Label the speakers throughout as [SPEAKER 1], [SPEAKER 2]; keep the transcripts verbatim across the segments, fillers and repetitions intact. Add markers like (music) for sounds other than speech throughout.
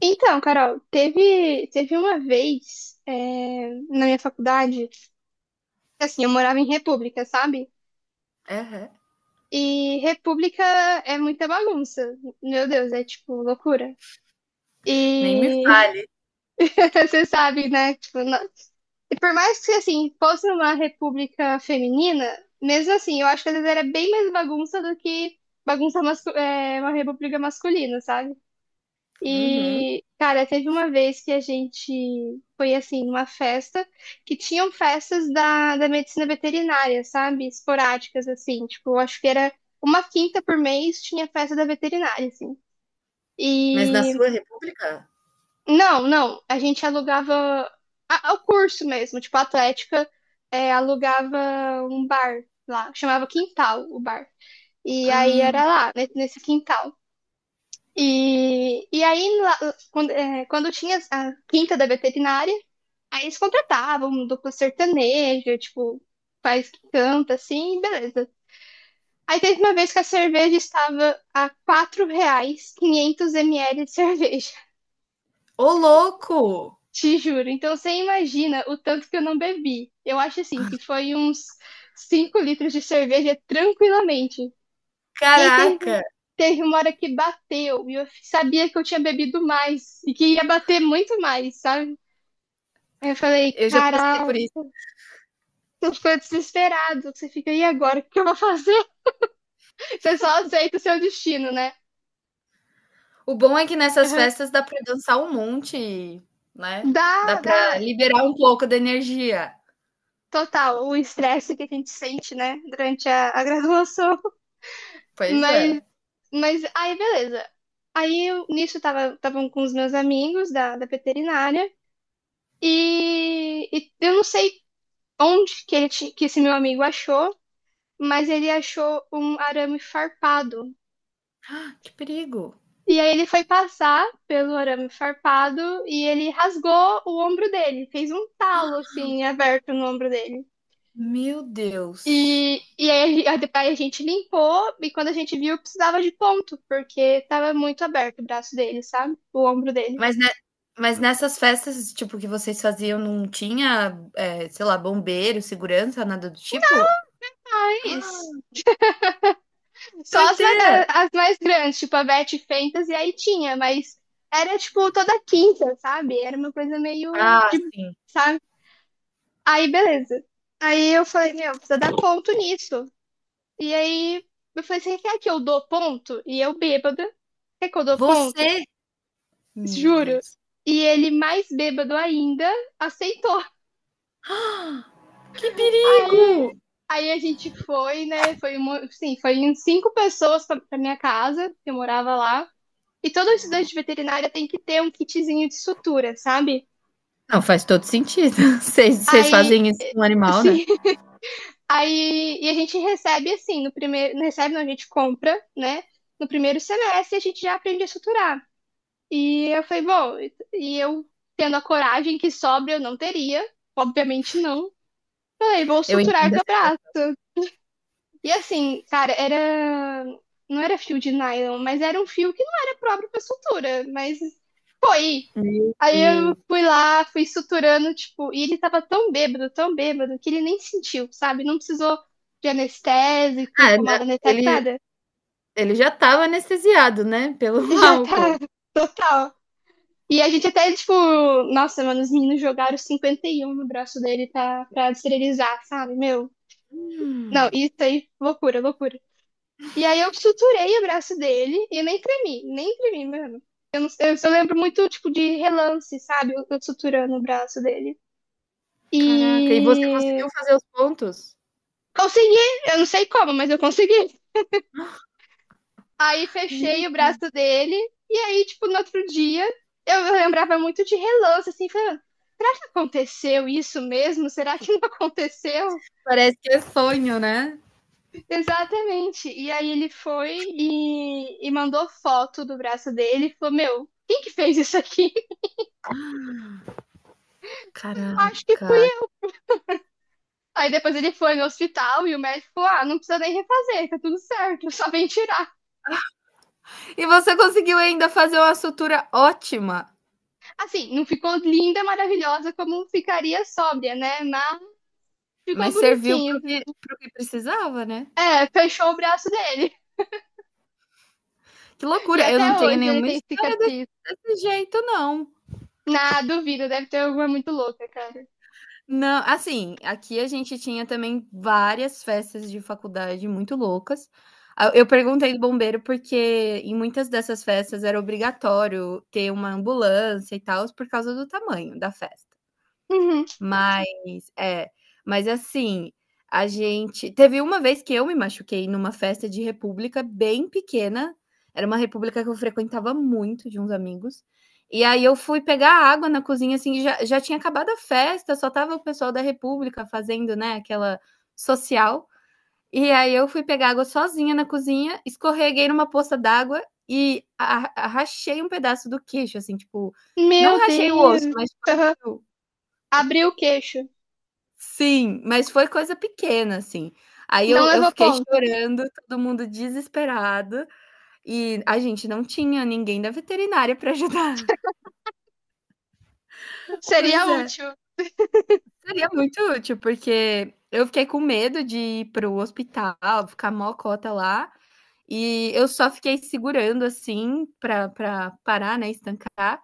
[SPEAKER 1] Então, Carol, teve, teve uma vez é, na minha faculdade, assim, eu morava em República, sabe?
[SPEAKER 2] Aham.
[SPEAKER 1] E República é muita bagunça. Meu Deus, é tipo loucura.
[SPEAKER 2] Nem me
[SPEAKER 1] E
[SPEAKER 2] fale.
[SPEAKER 1] (laughs) você sabe, né? Tipo, não- e por mais que assim, fosse uma república feminina, mesmo assim, eu acho que às vezes era bem mais bagunça do que bagunça mascu- é, uma república masculina, sabe?
[SPEAKER 2] Uhum.
[SPEAKER 1] E, cara, teve uma vez que a gente foi assim, numa festa que tinham festas da, da medicina veterinária, sabe? Esporádicas, assim, tipo, eu acho que era uma quinta por mês tinha festa da veterinária, assim.
[SPEAKER 2] Mas na
[SPEAKER 1] E
[SPEAKER 2] sua república?
[SPEAKER 1] não, não, a gente alugava a- o curso mesmo, tipo, a Atlética é, alugava um bar lá, chamava Quintal o bar. E aí
[SPEAKER 2] Ah.
[SPEAKER 1] era lá, ne- nesse quintal. E, e aí, lá- quando, é, quando tinha a quinta da veterinária, aí eles contratavam um duplo sertanejo, tipo, faz que canta assim, beleza. Aí teve uma vez que a cerveja estava a quatro reais, quinhentos mililitros de cerveja,
[SPEAKER 2] Ô louco!
[SPEAKER 1] (laughs) te juro. Então você imagina o tanto que eu não bebi. Eu acho assim que foi uns cinco litros de cerveja tranquilamente. E aí teve,
[SPEAKER 2] Caraca,
[SPEAKER 1] teve uma hora que bateu, e eu sabia que eu tinha bebido mais, e que ia bater muito mais, sabe? Aí eu falei,
[SPEAKER 2] eu já passei
[SPEAKER 1] caralho,
[SPEAKER 2] por isso.
[SPEAKER 1] tu ficou desesperado, você fica, e agora, o que eu vou fazer? (laughs) Você só aceita o seu destino, né?
[SPEAKER 2] O bom é que nessas
[SPEAKER 1] Uhum.
[SPEAKER 2] festas dá pra dançar um monte, né, dá
[SPEAKER 1] Dá,
[SPEAKER 2] pra
[SPEAKER 1] dá,
[SPEAKER 2] liberar um pouco da energia.
[SPEAKER 1] total, o estresse que a gente sente, né, durante a, a graduação, (laughs)
[SPEAKER 2] Pois
[SPEAKER 1] mas,
[SPEAKER 2] é.
[SPEAKER 1] mas aí beleza. Aí eu, nisso tava, estavam com os meus amigos da, da veterinária, e, e eu não sei onde que, ele, ti- que esse meu amigo achou, mas ele achou um arame farpado.
[SPEAKER 2] Ah, que perigo.
[SPEAKER 1] E aí ele foi passar pelo arame farpado e ele rasgou o ombro dele, fez um talo assim, aberto no ombro dele.
[SPEAKER 2] Meu Deus.
[SPEAKER 1] E, e aí, a, aí a gente limpou, e quando a gente viu, precisava de ponto, porque tava muito aberto o braço dele, sabe? O ombro dele.
[SPEAKER 2] Mas ne mas nessas festas, tipo, que vocês faziam não tinha, eh, sei lá, bombeiro, segurança, nada do tipo?
[SPEAKER 1] Ah, é
[SPEAKER 2] Ah,
[SPEAKER 1] isso. Só as, ma-
[SPEAKER 2] doideira.
[SPEAKER 1] a- as mais grandes, tipo a Beth Fentas, e aí tinha, mas era tipo toda quinta, sabe? Era uma coisa meio
[SPEAKER 2] Ah,
[SPEAKER 1] de,
[SPEAKER 2] sim.
[SPEAKER 1] sabe? Aí beleza. Aí eu falei, meu, precisa dar ponto nisso. E aí eu falei, você quer que eu dou ponto? E eu bêbada, quer que eu dou ponto?
[SPEAKER 2] Você Meu
[SPEAKER 1] Juro.
[SPEAKER 2] Deus.
[SPEAKER 1] E ele mais bêbado ainda aceitou.
[SPEAKER 2] Ah, que
[SPEAKER 1] Aí,
[SPEAKER 2] perigo!
[SPEAKER 1] aí a gente foi, né? Foi, uma- sim, foi em cinco pessoas pra, pra minha casa, que eu morava lá. E todo estudante de veterinária tem que ter um kitzinho de sutura, sabe?
[SPEAKER 2] Não, faz todo sentido. (laughs) Vocês
[SPEAKER 1] Aí,
[SPEAKER 2] fazem isso com um animal, né?
[SPEAKER 1] sim, (laughs) aí e a gente recebe assim, no primeiro, não recebe, não, a gente compra, né? No primeiro semestre a gente já aprende a suturar. E eu falei, bom, e eu tendo a coragem que sobra eu não teria, obviamente não. Falei, vou
[SPEAKER 2] Eu
[SPEAKER 1] suturar
[SPEAKER 2] entendo
[SPEAKER 1] teu
[SPEAKER 2] assim.
[SPEAKER 1] braço. E assim, cara, era não era fio de nylon, mas era um fio que não era próprio para sutura, mas foi.
[SPEAKER 2] Meu
[SPEAKER 1] Aí eu
[SPEAKER 2] Deus.
[SPEAKER 1] fui lá, fui suturando, tipo, e ele tava tão bêbado, tão bêbado, que ele nem sentiu, sabe? Não precisou de anestésico,
[SPEAKER 2] Ah,
[SPEAKER 1] pomada anestésica,
[SPEAKER 2] ele,
[SPEAKER 1] nada. (laughs)
[SPEAKER 2] ele já estava anestesiado, né? (laughs) Pelo
[SPEAKER 1] Já
[SPEAKER 2] álcool.
[SPEAKER 1] tá total. E a gente até, tipo, nossa, mano, os meninos jogaram 51 no braço dele pra, pra esterilizar, sabe? Meu, não,
[SPEAKER 2] Hum,
[SPEAKER 1] isso aí, loucura, loucura. E aí eu suturei o braço dele e eu nem tremi, nem tremi, mano. Eu, não, eu só lembro muito, tipo, de relance, sabe? Eu, eu suturando o braço dele.
[SPEAKER 2] Caraca, e você
[SPEAKER 1] E
[SPEAKER 2] conseguiu fazer os pontos?
[SPEAKER 1] consegui, eu não sei como, mas eu consegui. Aí
[SPEAKER 2] Meu
[SPEAKER 1] fechei o braço dele, e aí, tipo, no outro dia, eu lembrava muito de relance, assim, falando, será que aconteceu isso mesmo? Será que não (laughs) aconteceu?
[SPEAKER 2] Parece que é sonho, né?
[SPEAKER 1] Exatamente. E aí ele foi e, e mandou foto do braço dele e falou, meu, quem que fez isso aqui? (laughs) Eu acho que fui
[SPEAKER 2] Caraca.
[SPEAKER 1] eu. Aí depois ele foi no hospital e o médico falou, ah, não precisa nem refazer, tá tudo certo, (laughs) só vem tirar.
[SPEAKER 2] E você conseguiu ainda fazer uma sutura ótima,
[SPEAKER 1] Assim, não ficou linda, maravilhosa como ficaria sóbria, né? Mas ficou
[SPEAKER 2] mas serviu
[SPEAKER 1] bonitinho,
[SPEAKER 2] pro
[SPEAKER 1] viu?
[SPEAKER 2] que, pro que precisava, né?
[SPEAKER 1] É, fechou o braço dele.
[SPEAKER 2] Que
[SPEAKER 1] E
[SPEAKER 2] loucura. Eu não
[SPEAKER 1] até
[SPEAKER 2] tenho
[SPEAKER 1] hoje ele
[SPEAKER 2] nenhuma
[SPEAKER 1] tem
[SPEAKER 2] história desse,
[SPEAKER 1] cicatriz.
[SPEAKER 2] desse jeito, não.
[SPEAKER 1] Na duvida, deve ter alguma muito louca, cara.
[SPEAKER 2] Não, assim, aqui a gente tinha também várias festas de faculdade muito loucas. Ah, eu perguntei do bombeiro porque em muitas dessas festas era obrigatório ter uma ambulância e tal por causa do tamanho da festa.
[SPEAKER 1] Uhum.
[SPEAKER 2] Mas é, mas assim, a gente teve uma vez que eu me machuquei numa festa de república bem pequena, era uma república que eu frequentava muito de uns amigos, e aí eu fui pegar água na cozinha, assim, já já tinha acabado a festa, só tava o pessoal da república fazendo, né, aquela social, e aí eu fui pegar água sozinha na cozinha, escorreguei numa poça d'água e a a rachei um pedaço do queixo, assim, tipo, não
[SPEAKER 1] Meu
[SPEAKER 2] rachei o osso,
[SPEAKER 1] Deus.
[SPEAKER 2] mas tipo,
[SPEAKER 1] Aham.
[SPEAKER 2] abriu.
[SPEAKER 1] Abriu o queixo.
[SPEAKER 2] Sim, mas foi coisa pequena, assim. Aí
[SPEAKER 1] Não
[SPEAKER 2] eu eu
[SPEAKER 1] levou
[SPEAKER 2] fiquei
[SPEAKER 1] ponto.
[SPEAKER 2] chorando, todo mundo desesperado, e a gente não tinha ninguém da veterinária para ajudar. (laughs)
[SPEAKER 1] Seria
[SPEAKER 2] Pois é,
[SPEAKER 1] útil. (laughs)
[SPEAKER 2] seria muito útil, porque eu fiquei com medo de ir para o hospital, ficar mó cota lá, e eu só fiquei segurando, assim, para pra parar, né, estancar,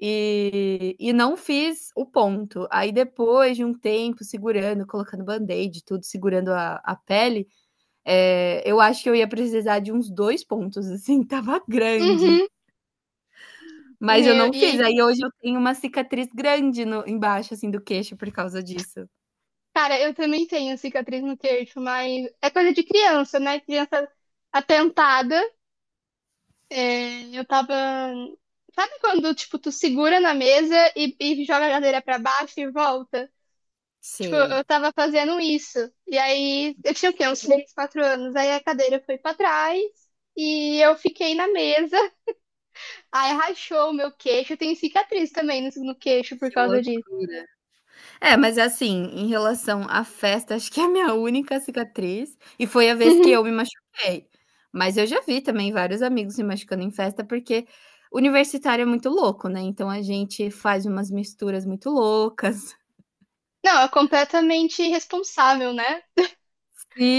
[SPEAKER 2] e e não fiz o ponto. Aí depois de um tempo segurando, colocando band-aid tudo, segurando a a pele, Eh, eu acho que eu ia precisar de uns dois pontos, assim, (laughs) tava grande,
[SPEAKER 1] Uhum.
[SPEAKER 2] mas eu
[SPEAKER 1] Eu-
[SPEAKER 2] não
[SPEAKER 1] E,
[SPEAKER 2] fiz. Aí hoje eu tenho uma cicatriz grande no embaixo, assim, do queixo por causa disso.
[SPEAKER 1] cara, eu também tenho cicatriz no queixo, mas é coisa de criança, né? Criança atentada. É, eu tava. Sabe quando, tipo, tu segura na mesa e, e joga a cadeira pra baixo e volta? Tipo,
[SPEAKER 2] Sei.
[SPEAKER 1] eu tava fazendo isso. E aí, eu tinha o quê? Uns três, quatro anos. Aí a cadeira foi pra trás e eu fiquei na mesa. Aí rachou o meu queixo. Eu tenho cicatriz também no, no queixo por
[SPEAKER 2] Que
[SPEAKER 1] causa disso.
[SPEAKER 2] loucura. É, mas assim, em relação à festa, acho que é a minha única cicatriz, e foi a vez que
[SPEAKER 1] Uhum.
[SPEAKER 2] eu me machuquei. Mas eu já vi também vários amigos se machucando em festa, porque universitário é muito louco, né, então a gente faz umas misturas muito loucas.
[SPEAKER 1] Não, é completamente irresponsável, né?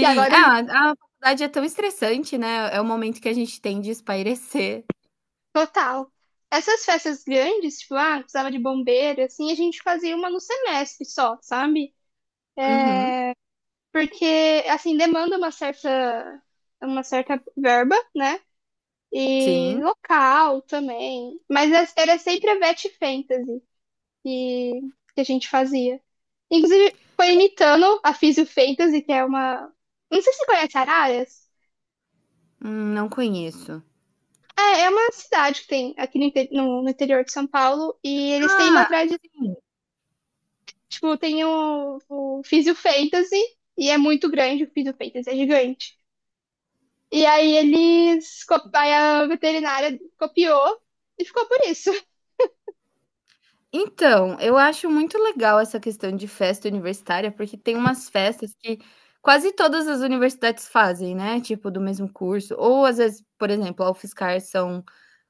[SPEAKER 1] E agora,
[SPEAKER 2] Ah, a faculdade é tão estressante, né, é o momento que a gente tem de espairecer.
[SPEAKER 1] total. Essas festas grandes, tipo, ah, precisava de bombeiro, assim, a gente fazia uma no semestre só, sabe?
[SPEAKER 2] Uhum.
[SPEAKER 1] Porque, assim, demanda uma certa, uma certa verba, né? E
[SPEAKER 2] Sim.
[SPEAKER 1] local também. Mas as- era sempre a Betty Fantasy que, que a gente fazia. Inclusive, foi imitando a Físio Fantasy, que é uma. Não sei se você conhece Araras.
[SPEAKER 2] Hum, não conheço.
[SPEAKER 1] É, é uma cidade que tem aqui no, inte- no- no interior de São Paulo. E eles têm
[SPEAKER 2] Ah,
[SPEAKER 1] uma tradição.
[SPEAKER 2] sim.
[SPEAKER 1] Tipo, tem o, o Físio Fantasy. E é muito grande, o Físio Fantasy é gigante. E aí eles. co- Aí a veterinária copiou e ficou por isso. (laughs)
[SPEAKER 2] Então, eu acho muito legal essa questão de festa universitária, porque tem umas festas que quase todas as universidades fazem, né, tipo do mesmo curso, ou às vezes, por exemplo, a UFSCar são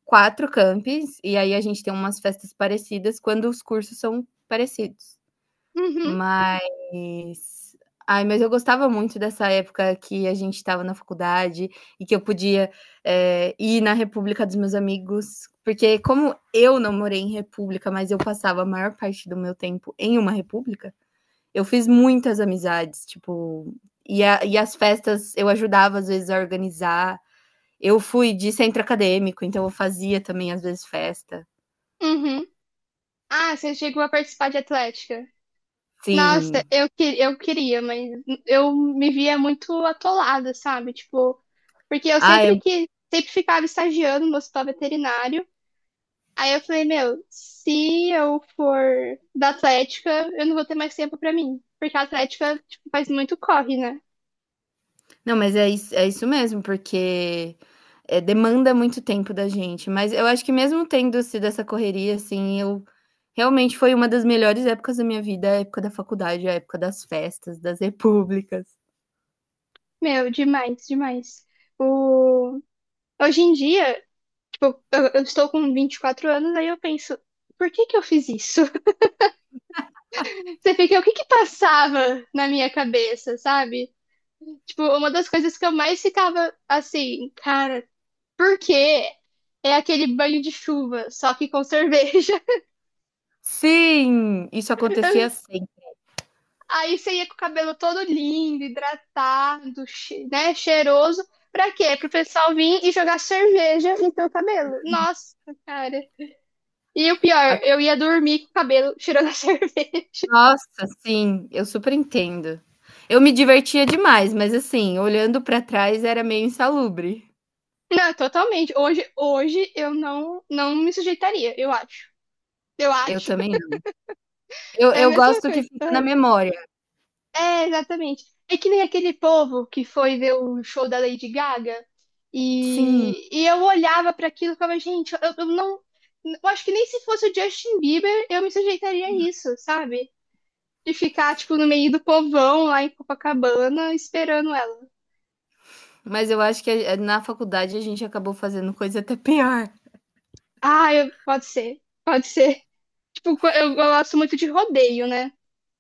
[SPEAKER 2] quatro campi, e aí a gente tem umas festas parecidas quando os cursos são parecidos.
[SPEAKER 1] Uhum,
[SPEAKER 2] Mas ai, mas eu gostava muito dessa época que a gente estava na faculdade e que eu podia, eh, ir na república dos meus amigos, porque como eu não morei em república, mas eu passava a maior parte do meu tempo em uma república, eu fiz muitas amizades, tipo, e a e as festas eu ajudava às vezes a organizar. Eu fui de centro acadêmico, então eu fazia também às vezes festa.
[SPEAKER 1] uhum. Ah, você chegou a participar de atlética? Nossa,
[SPEAKER 2] Sim.
[SPEAKER 1] eu, que- eu queria, mas eu me via muito atolada, sabe? Tipo, porque eu
[SPEAKER 2] Ah,
[SPEAKER 1] sempre que sempre ficava estagiando no hospital veterinário. Aí eu falei, meu, se eu for da atlética, eu não vou ter mais tempo pra mim, porque a atlética, tipo, faz muito corre, né?
[SPEAKER 2] Não, mas é isso, é isso mesmo, porque, eh, demanda muito tempo da gente, mas eu acho que mesmo tendo sido essa correria, assim, eu realmente foi uma das melhores épocas da minha vida, a época da faculdade, a época das festas, das repúblicas.
[SPEAKER 1] Meu, demais, demais. O... Hoje em dia, tipo, eu, eu estou com vinte e quatro anos, aí eu penso, por que que eu fiz isso? Você fica, o que que passava na minha cabeça, sabe? Tipo, uma das coisas que eu mais ficava assim, cara, por quê? É aquele banho de chuva, só que com cerveja.
[SPEAKER 2] Sim, isso acontecia
[SPEAKER 1] (laughs)
[SPEAKER 2] sempre.
[SPEAKER 1] Aí você ia com o cabelo todo lindo, hidratado, che- né, cheiroso. Pra quê? Pro pessoal vir e jogar cerveja no teu cabelo. Nossa, cara. E o
[SPEAKER 2] A
[SPEAKER 1] pior, eu ia dormir com o cabelo cheirando a (laughs) cerveja.
[SPEAKER 2] Nossa, sim, eu super entendo. Eu me divertia demais, mas assim, olhando pra trás era meio insalubre.
[SPEAKER 1] Não, totalmente. Hoje, hoje eu não, não me sujeitaria, eu acho. Eu
[SPEAKER 2] Eu
[SPEAKER 1] acho.
[SPEAKER 2] também não. Eu
[SPEAKER 1] É a
[SPEAKER 2] eu
[SPEAKER 1] mesma
[SPEAKER 2] gosto que
[SPEAKER 1] coisa.
[SPEAKER 2] fica na
[SPEAKER 1] Aham.
[SPEAKER 2] memória.
[SPEAKER 1] É, exatamente. É que nem aquele povo que foi ver o show da Lady Gaga
[SPEAKER 2] Sim.
[SPEAKER 1] e, e eu olhava para aquilo e ficava, gente, eu, eu não. Eu acho que nem se fosse o Justin Bieber eu me sujeitaria a isso, sabe? De ficar, tipo, no meio do povão lá em Copacabana esperando ela.
[SPEAKER 2] Mas eu acho que a eh, na faculdade a gente acabou fazendo coisa até pior.
[SPEAKER 1] Ah, eu- pode ser, pode ser. (laughs) Tipo, co- eu gosto muito de rodeio, né?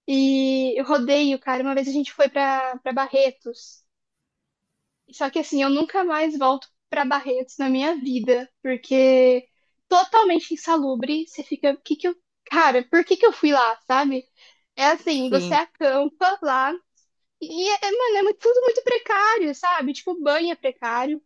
[SPEAKER 1] E rodeio, cara, uma vez a gente foi pra, pra Barretos. Só que assim, eu nunca mais volto pra Barretos na minha vida, porque totalmente insalubre, você fica, que que eu, cara, por que que eu fui lá, sabe? É assim, você
[SPEAKER 2] Sim.
[SPEAKER 1] acampa lá e é, mano, é muito tudo muito precário, sabe? Tipo, banho é precário,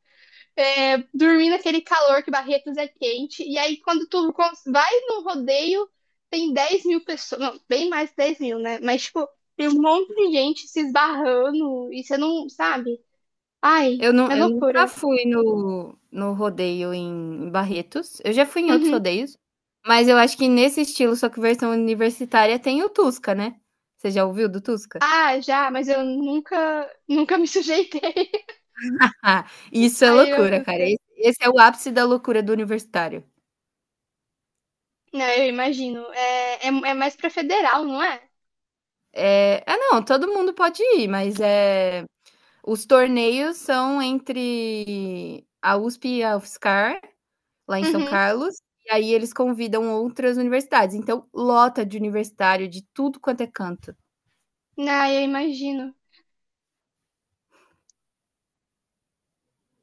[SPEAKER 1] é, dormir naquele calor que Barretos é quente, e aí quando tu cons- vai no rodeio, tem dez mil pessoas, não, bem mais de dez mil, né? Mas, tipo, tem um monte de gente se esbarrando e você não, sabe? Ai,
[SPEAKER 2] Eu não
[SPEAKER 1] mas
[SPEAKER 2] eu nunca
[SPEAKER 1] loucura.
[SPEAKER 2] fui no no rodeio em Barretos. Eu já fui em outros
[SPEAKER 1] Uhum.
[SPEAKER 2] rodeios, mas eu acho que nesse estilo, só que versão universitária, tem o Tusca, né. Você já ouviu do Tusca?
[SPEAKER 1] Ah, já, mas eu nunca, nunca me sujeitei (laughs)
[SPEAKER 2] (laughs) Ah, isso é
[SPEAKER 1] a ir ao
[SPEAKER 2] loucura, cara.
[SPEAKER 1] Tuca.
[SPEAKER 2] Esse esse é o ápice da loucura do universitário.
[SPEAKER 1] Não, eu imagino. É, é, é mais pra federal, não é?
[SPEAKER 2] É, ah, não, todo mundo pode ir, mas, é os torneios são entre a U S P e a UFSCar lá em São
[SPEAKER 1] Uhum.
[SPEAKER 2] Carlos, e aí eles convidam outras universidades, então lota de universitário de tudo quanto é canto.
[SPEAKER 1] Não, eu imagino.